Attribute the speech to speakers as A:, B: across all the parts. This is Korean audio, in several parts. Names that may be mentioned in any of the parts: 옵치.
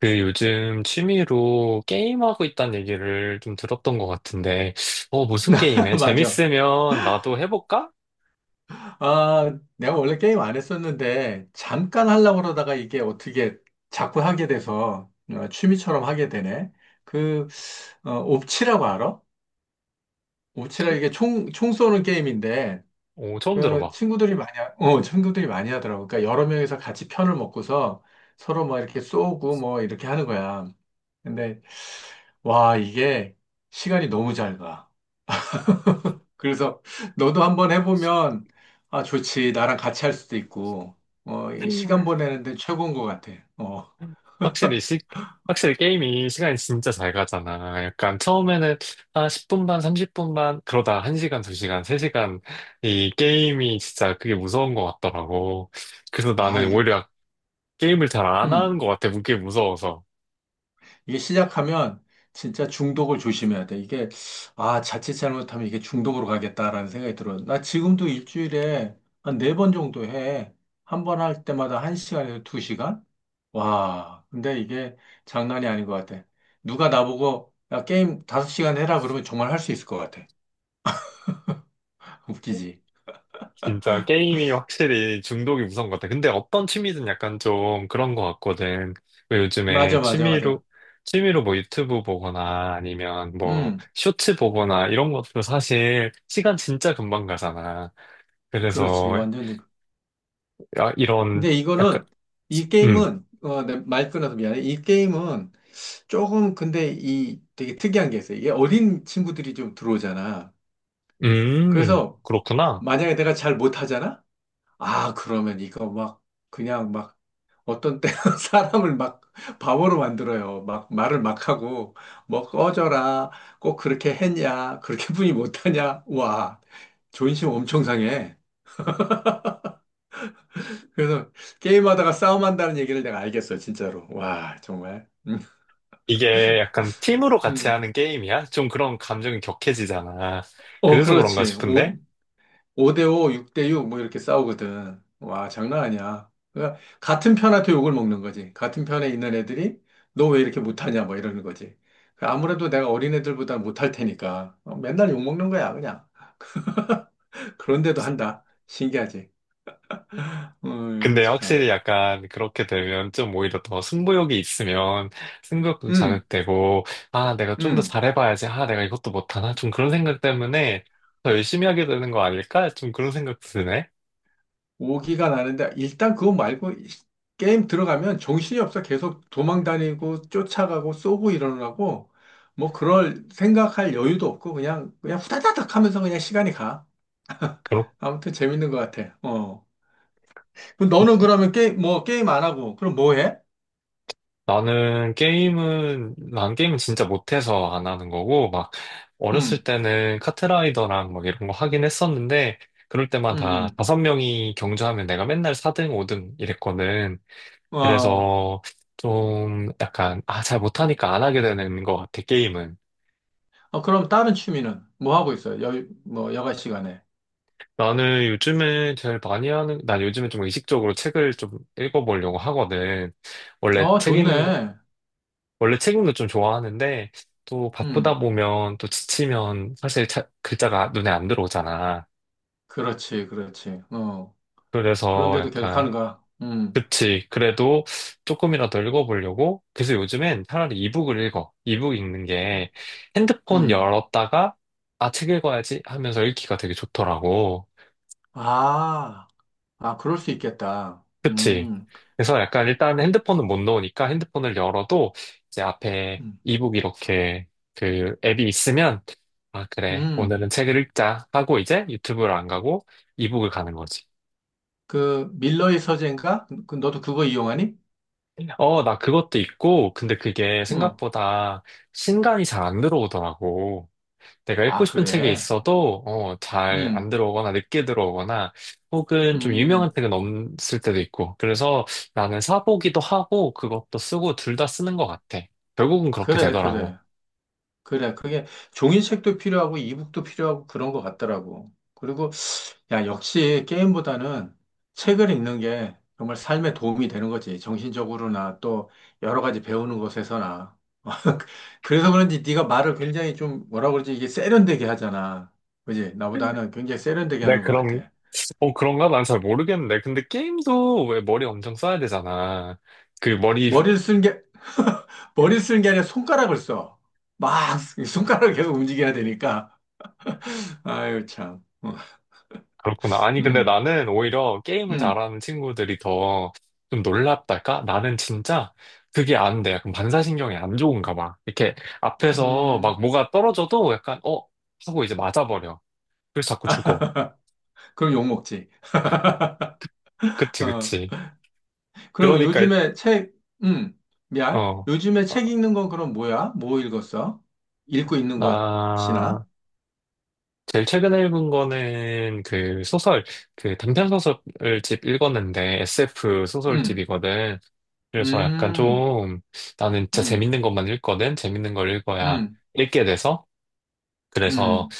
A: 그 요즘 취미로 게임하고 있다는 얘기를 좀 들었던 것 같은데, 무슨 게임해?
B: 맞아.
A: 재밌으면 나도 해볼까?
B: 아, 내가 원래 게임 안 했었는데, 잠깐 하려고 그러다가 이게 어떻게 자꾸 하게 돼서 취미처럼 하게 되네. 그, 옵치라고 알아? 옵치라
A: 치?
B: 이게 총 쏘는 게임인데,
A: 오, 처음 들어봐.
B: 친구들이 많이 하더라고. 그러니까 여러 명이서 같이 편을 먹고서 서로 막 이렇게 쏘고 뭐 이렇게 하는 거야. 근데, 와, 이게 시간이 너무 잘 가. 그래서 너도 한번 해보면 아 좋지 나랑 같이 할 수도 있고 이거 시간 보내는데 최고인 것 같아. 어아
A: 확실히 시, 확실히 게임이 시간이 진짜 잘 가잖아. 약간 처음에는 한 10분 반, 30분 반, 그러다 1시간, 2시간, 3시간. 이 게임이 진짜 그게 무서운 것 같더라고. 그래서 나는
B: 이게
A: 오히려 게임을 잘 안
B: 음
A: 하는 것 같아. 그게 무서워서.
B: 이게 시작하면 진짜 중독을 조심해야 돼. 이게 아 자칫 잘못하면 이게 중독으로 가겠다라는 생각이 들어. 나 지금도 일주일에 한 네 번 정도 해. 한 번 할 때마다 한 시간에서 두 시간? 와 근데 이게 장난이 아닌 것 같아. 누가 나보고 야 게임 다섯 시간 해라 그러면 정말 할 수 있을 것 같아. 웃기지.
A: 진짜 게임이 확실히 중독이 무서운 것 같아. 근데 어떤 취미든 약간 좀 그런 것 같거든. 왜 요즘에
B: 맞아, 맞아,
A: 취미로,
B: 맞아.
A: 취미로 뭐 유튜브 보거나 아니면 뭐
B: 음,
A: 쇼츠 보거나 이런 것도 사실 시간 진짜 금방 가잖아.
B: 그렇지.
A: 그래서
B: 완전 히.
A: 이런
B: 근데
A: 약간,
B: 이
A: 음,
B: 게임은, 내 말 끊어서 미안해. 이 게임은 조금, 근데 이 되게 특이한 게 있어요. 이게 어린 친구들이 좀 들어오잖아. 그래서
A: 그렇구나.
B: 만약에 내가 잘 못하잖아? 아, 그러면 이거 막, 그냥 막, 어떤 때는 사람을 막 바보로 만들어요. 막 말을 막 하고, 뭐 꺼져라. 꼭 그렇게 했냐. 그렇게 뿐이 못하냐. 와, 존심 엄청 상해. 그래서 게임하다가 싸움한다는 얘기를 내가 알겠어요, 진짜로. 와, 정말. 음.
A: 이게 약간 팀으로 같이
B: 음.
A: 하는 게임이야? 좀 그런 감정이 격해지잖아. 그래서 그런가
B: 그렇지.
A: 싶은데?
B: 5 대 5, 6대 6, 뭐 이렇게 싸우거든. 와, 장난 아니야. 그러니까 같은 편한테 욕을 먹는 거지. 같은 편에 있는 애들이 너 왜 이렇게 못하냐, 뭐 이러는 거지. 그 아무래도 내가 어린 애들보다 못할 테니까 맨날 욕 먹는 거야, 그냥. 그런데도 한다. 신기하지.
A: 근데
B: 참.
A: 확실히 약간 그렇게 되면 좀 오히려 더 승부욕이 있으면 승부욕도
B: 음.
A: 자극되고, 아, 내가 좀 더
B: 음.
A: 잘해봐야지. 아, 내가 이것도 못하나? 좀 그런 생각 때문에 더 열심히 하게 되는 거 아닐까? 좀 그런 생각 드네.
B: 오기가 나는데 일단 그거 말고 게임 들어가면 정신이 없어. 계속 도망 다니고 쫓아가고 쏘고 일어나고 뭐 그럴 생각할 여유도 없고 그냥 후다다닥 하면서 그냥 시간이 가.
A: 그렇
B: 아무튼 재밌는 것 같아. 어. 그럼 너는 그러면 게임 뭐 게임 안 하고 그럼 뭐 해?
A: 난 게임은 진짜 못해서 안 하는 거고, 막,
B: 음.
A: 어렸을 때는 카트라이더랑 막 이런 거 하긴 했었는데, 그럴 때마다
B: 음.
A: 다섯 명이 경주하면 내가 맨날 4등, 5등 이랬거든.
B: 음. 어.
A: 그래서 좀 약간, 아, 잘 못하니까 안 하게 되는 것 같아, 게임은.
B: 어, 그럼 다른 취미는 뭐 하고 있어? 뭐 여가 시간에.
A: 나는 요즘에 제일 많이 하는, 난 요즘에 좀 의식적으로 책을 좀 읽어보려고 하거든. 원래
B: 어,
A: 책 읽는 거,
B: 좋네.
A: 원래 책 읽는 거 좀 좋아하는데, 또 바쁘다
B: 음.
A: 보면 또 지치면 사실 글자가 눈에 안 들어오잖아.
B: 그렇지. 그렇지. 어.
A: 그래서
B: 그런데도 계속 하는
A: 약간
B: 거야. 음.
A: 그치. 그래도 조금이라도 읽어보려고. 그래서 요즘엔 차라리 이북을 읽어. 이북 읽는 게 핸드폰
B: 음.
A: 열었다가, 아, 책 읽어야지 하면서 읽기가 되게 좋더라고.
B: 아, 그럴 수 있겠다.
A: 그치. 그래서 약간 일단
B: 그,
A: 핸드폰은 못 넣으니까 핸드폰을 열어도 이제 앞에
B: 음.
A: 이북 이렇게 그 앱이 있으면, 아, 그래.
B: 음.
A: 오늘은 책을 읽자 하고 이제 유튜브를 안 가고 이북을 가는 거지.
B: 그 밀러의 서재인가? 그 너도 그거 이용하니?
A: 어, 나 그것도 있고, 근데 그게
B: 응.
A: 생각보다 신간이 잘 안 들어오더라고. 내가 읽고
B: 아,
A: 싶은 책이
B: 그래.
A: 있어도 어, 잘 안
B: 음.
A: 들어오거나 늦게 들어오거나 혹은 좀 유명한
B: 음.
A: 책은 없을 때도 있고 그래서 나는 사보기도 하고 그것도 쓰고 둘 다 쓰는 것 같아. 결국은 그렇게
B: 그래,
A: 되더라고.
B: 그래, 그래. 그게 종이책도 필요하고 이북도 필요하고 그런 것 같더라고. 그리고 야, 역시 게임보다는 책을 읽는 게 정말 삶에 도움이 되는 거지. 정신적으로나 또 여러 가지 배우는 것에서나. 그래서 그런지 네가 말을 굉장히 좀 뭐라 그러지? 이게 세련되게 하잖아. 그지? 나보다는 굉장히 세련되게
A: 네,
B: 하는 것
A: 그럼
B: 같아.
A: 어, 그런가? 난 잘 모르겠는데. 근데 게임도 왜 머리 엄청 써야 되잖아. 그 머리
B: 머리를 쓰는 게, 머리를 쓰는 게 아니라 손가락을 써. 막 손가락을 계속 움직여야 되니까. 아유, 참.
A: 그렇구나. 아니, 근데
B: 음.
A: 나는 오히려 게임을
B: 음.
A: 잘하는 친구들이 더 좀 놀랍달까? 나는 진짜 그게 안 돼. 약간 반사신경이 안 좋은가 봐. 이렇게 앞에서
B: 음.
A: 막 뭐가 떨어져도 약간, 어? 하고 이제 맞아버려. 그래서 자꾸 죽어.
B: 그럼 욕 먹지.
A: 그치,
B: 어.
A: 그치.
B: 그러면
A: 그러니까,
B: 요즘에 책, 음, 미안.
A: 어,
B: 요즘에
A: 어,
B: 책 읽는 건 그럼 뭐야? 뭐 읽었어? 읽고 있는
A: 나,
B: 것이나?
A: 제일 최근에 읽은 거는 그 단편 소설집 읽었는데 SF
B: 음.
A: 소설집이거든. 그래서 약간
B: 음.
A: 좀 나는 진짜
B: 음.
A: 재밌는 것만 읽거든. 재밌는 걸 읽어야
B: 음.
A: 읽게 돼서. 그래서
B: 음.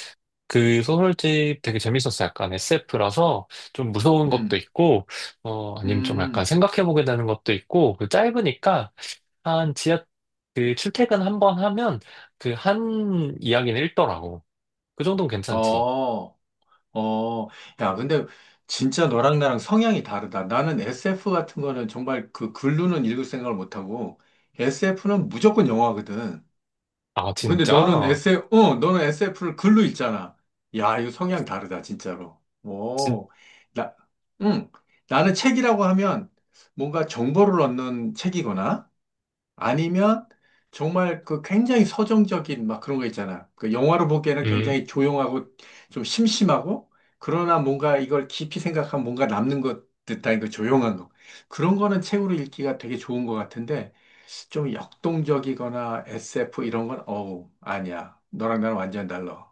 A: 그 소설집 되게 재밌었어. 약간 SF라서 좀 무서운 것도
B: 음.
A: 있고, 어, 아니면 좀 약간
B: 음.
A: 생각해보게 되는 것도 있고, 그 짧으니까 한 지하, 그 출퇴근 한 번 하면 그 한 이야기는 읽더라고. 그 정도면 괜찮지.
B: 어, 어. 야, 근데 진짜 너랑 나랑 성향이 다르다. 나는 SF 같은 거는 정말 그 글로는 읽을 생각을 못하고, SF는 무조건 영화거든.
A: 아,
B: 근데 너는
A: 진짜?
B: SF, 너는 SF를 글로 읽잖아. 야, 이거 성향 다르다, 진짜로.
A: 진,
B: 오, 나, 응. 나는 책이라고 하면 뭔가 정보를 얻는 책이거나 아니면 정말 그 굉장히 서정적인 막 그런 거 있잖아. 그 영화로 보기에는
A: 음,
B: 굉장히 조용하고 좀 심심하고 그러나 뭔가 이걸 깊이 생각하면 뭔가 남는 것 듯한 그 조용한 거. 그런 거는 책으로 읽기가 되게 좋은 것 같은데 좀 역동적이거나 SF 이런 건 어우 아니야. 너랑 나랑 완전 달라.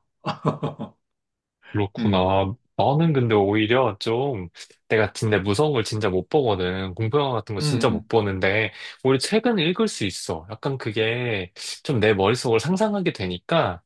B: 음.
A: 그렇구나. 나는 근데 오히려 좀, 내가 진짜 무서운 걸 진짜 못 보거든. 공포영화 같은 거 진짜 못
B: 음.
A: 보는데, 오히려 책은 읽을 수 있어. 약간 그게 좀 내 머릿속을 상상하게 되니까,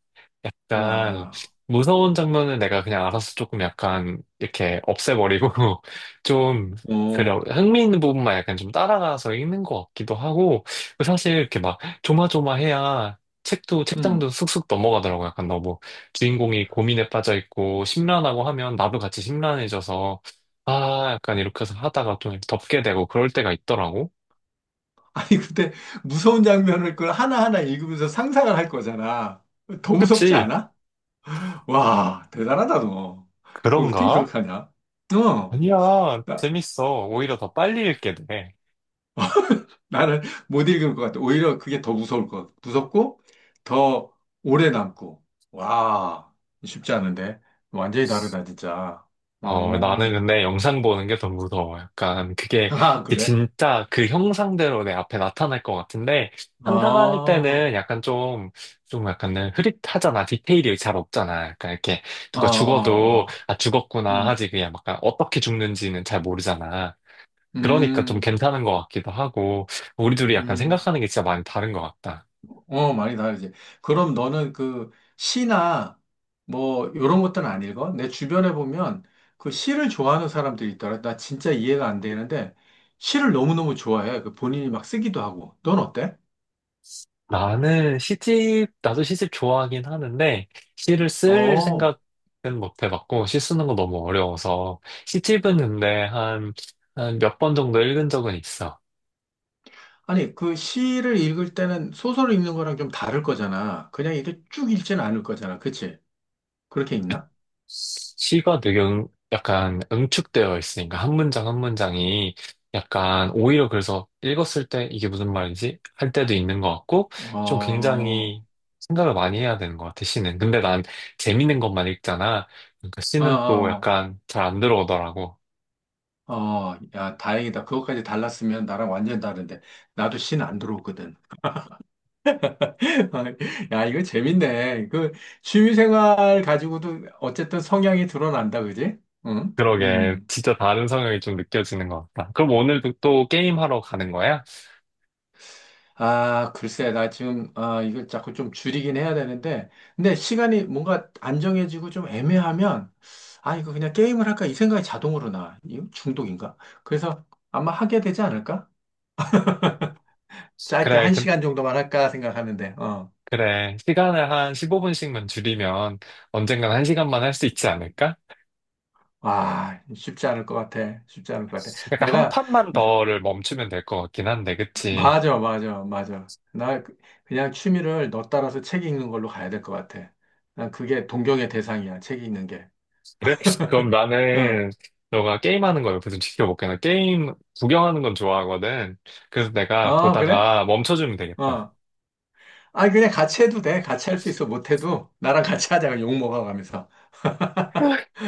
B: 음.
A: 약간
B: 와.
A: 무서운 장면은 내가 그냥 알아서 조금 약간 이렇게 없애버리고 좀 그래
B: 오.
A: 흥미있는 부분만 약간 좀 따라가서 읽는 것 같기도 하고 그 사실 이렇게 막 조마조마해야 책도 책장도
B: 음.
A: 쑥쑥 넘어가더라고. 약간 너무 주인공이 고민에 빠져 있고 심란하고 하면 나도 같이 심란해져서 아 약간 이렇게 해서 하다가 좀 덮게 되고 그럴 때가 있더라고.
B: 아니 근데 무서운 장면을 그걸 하나하나 읽으면서 상상을 할 거잖아. 더 무섭지
A: 그치.
B: 않아? 와, 대단하다, 너. 그 어떻게
A: 그런가.
B: 그렇게 하냐? 어,
A: 아니야,
B: 나,
A: 재밌어. 오히려 더 빨리 읽게 돼.
B: 나는 못 읽을 것 같아. 오히려 그게 더 무서울 것 같아. 무섭고, 더 오래 남고. 와, 쉽지 않은데. 완전히 다르다, 진짜.
A: 어, 나는
B: 오,
A: 근데 영상 보는 게 더 무서워. 약간 그게
B: 아,
A: 이게
B: 그래?
A: 진짜 그 형상대로 내 앞에 나타날 것 같은데 상상할
B: 아,
A: 때는 약간 좀, 좀 약간은 흐릿하잖아. 디테일이 잘 없잖아. 약간 이렇게
B: 아,
A: 누가 죽어도 아, 죽었구나
B: 음.
A: 하지. 그냥 약간 어떻게 죽는지는 잘 모르잖아. 그러니까 좀
B: 음.
A: 괜찮은 것 같기도 하고 우리 둘이 약간
B: 음.
A: 생각하는 게 진짜 많이 다른 것 같다.
B: 어, 많이 다르지. 그럼 너는 시나 뭐 이런 것들은 안 읽어? 내 주변에 보면 그 시를 좋아하는 사람들이 있더라. 나 진짜 이해가 안 되는데 시를 너무너무 좋아해. 그 본인이 막 쓰기도 하고. 넌 어때?
A: 나도 시집 좋아하긴 하는데, 시를 쓸
B: 어.
A: 생각은 못 해봤고, 시 쓰는 거 너무 어려워서, 시집은 근데 한, 한 몇 번 정도 읽은 적은 있어.
B: 아니, 그 시를 읽을 때는 소설을 읽는 거랑 좀 다를 거잖아. 그냥 이렇게 쭉 읽지는 않을 거잖아. 그치? 그렇게 읽나?
A: 시가 되게 약간 응축되어 있으니까, 한 문장 한 문장이 약간, 오히려 그래서 읽었을 때 이게 무슨 말이지? 할 때도 있는 것 같고,
B: 어,
A: 좀
B: 어,
A: 굉장히 생각을 많이 해야 되는 것 같아, 시는. 근데 난 재밌는 것만 읽잖아. 그러니까 시는 또
B: 어,
A: 약간 잘 안 들어오더라고.
B: 어, 야, 다행이다. 그것까지 달랐으면 나랑 완전 다른데. 나도 시는 안 들어오거든. 야, 이거 재밌네. 그 취미생활 가지고도 어쨌든 성향이 드러난다, 그지? 응?
A: 그러게.
B: 음.
A: 진짜 다른 성향이 좀 느껴지는 것 같다. 그럼 오늘도 또 게임하러 가는 거야?
B: 아, 글쎄, 아, 이걸 자꾸 좀 줄이긴 해야 되는데, 근데 시간이 뭔가 안정해지고 좀 애매하면, 아, 이거 그냥 게임을 할까? 이 생각이 자동으로 나. 이거 중독인가? 그래서 아마 하게 되지 않을까? 짧게
A: 그래,
B: 한
A: 그,
B: 시간 정도만 할까 생각하는데, 어.
A: 그래. 시간을 한 15분씩만 줄이면 언젠간 한시간만 할 수 있지 않을까?
B: 와, 쉽지 않을 것 같아. 쉽지 않을 것 같아.
A: 약간 한
B: 내가
A: 판만 더를 멈추면 될 것 같긴 한데, 그치?
B: 맞아, 맞아, 맞아. 그냥 취미를 너 따라서 책 읽는 걸로 가야 될 것 같아. 난 그게 동경의 대상이야, 책 읽는 게.
A: 그래? 그럼
B: 응.
A: 나는 너가 게임하는 거 옆에서 지켜볼게. 나 게임 구경하는 건 좋아하거든. 그래서 내가
B: 어, 그래?
A: 보다가 멈춰주면 되겠다.
B: 어. 아, 그냥 같이 해도 돼. 같이 할 수 있어. 못해도 나랑 같이 하자. 그냥 욕 먹어가면서.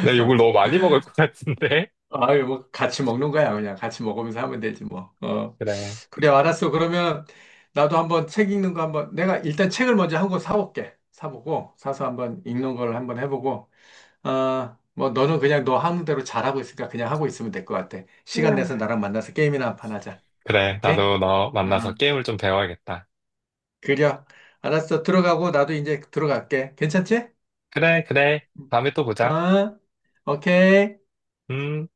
A: 나 욕을 너무 많이 먹을 것 같은데?
B: 아유, 뭐, 같이 먹는 거야. 그냥 같이 먹으면서 하면 되지, 뭐. 어.
A: 그래.
B: 그래, 알았어. 그러면 나도 한번 책 읽는 거 한번, 내가 일단 책을 먼저 한 권 사올게. 사보고, 사서 한번 읽는 걸 한번 해보고, 아, 뭐 너는 그냥 너 하는 대로 잘하고 있으니까 그냥 하고 있으면 될 것 같아. 시간 내서 나랑 만나서 게임이나 한 판 하자.
A: 그래.
B: 오케이?
A: 나도 너 만나서
B: 응.
A: 게임을 좀 배워야겠다.
B: 그려. 알았어. 들어가고 나도 이제 들어갈게. 괜찮지?
A: 그래, 그래. 다음에 또 보자.
B: 어? 오케이.
A: 음.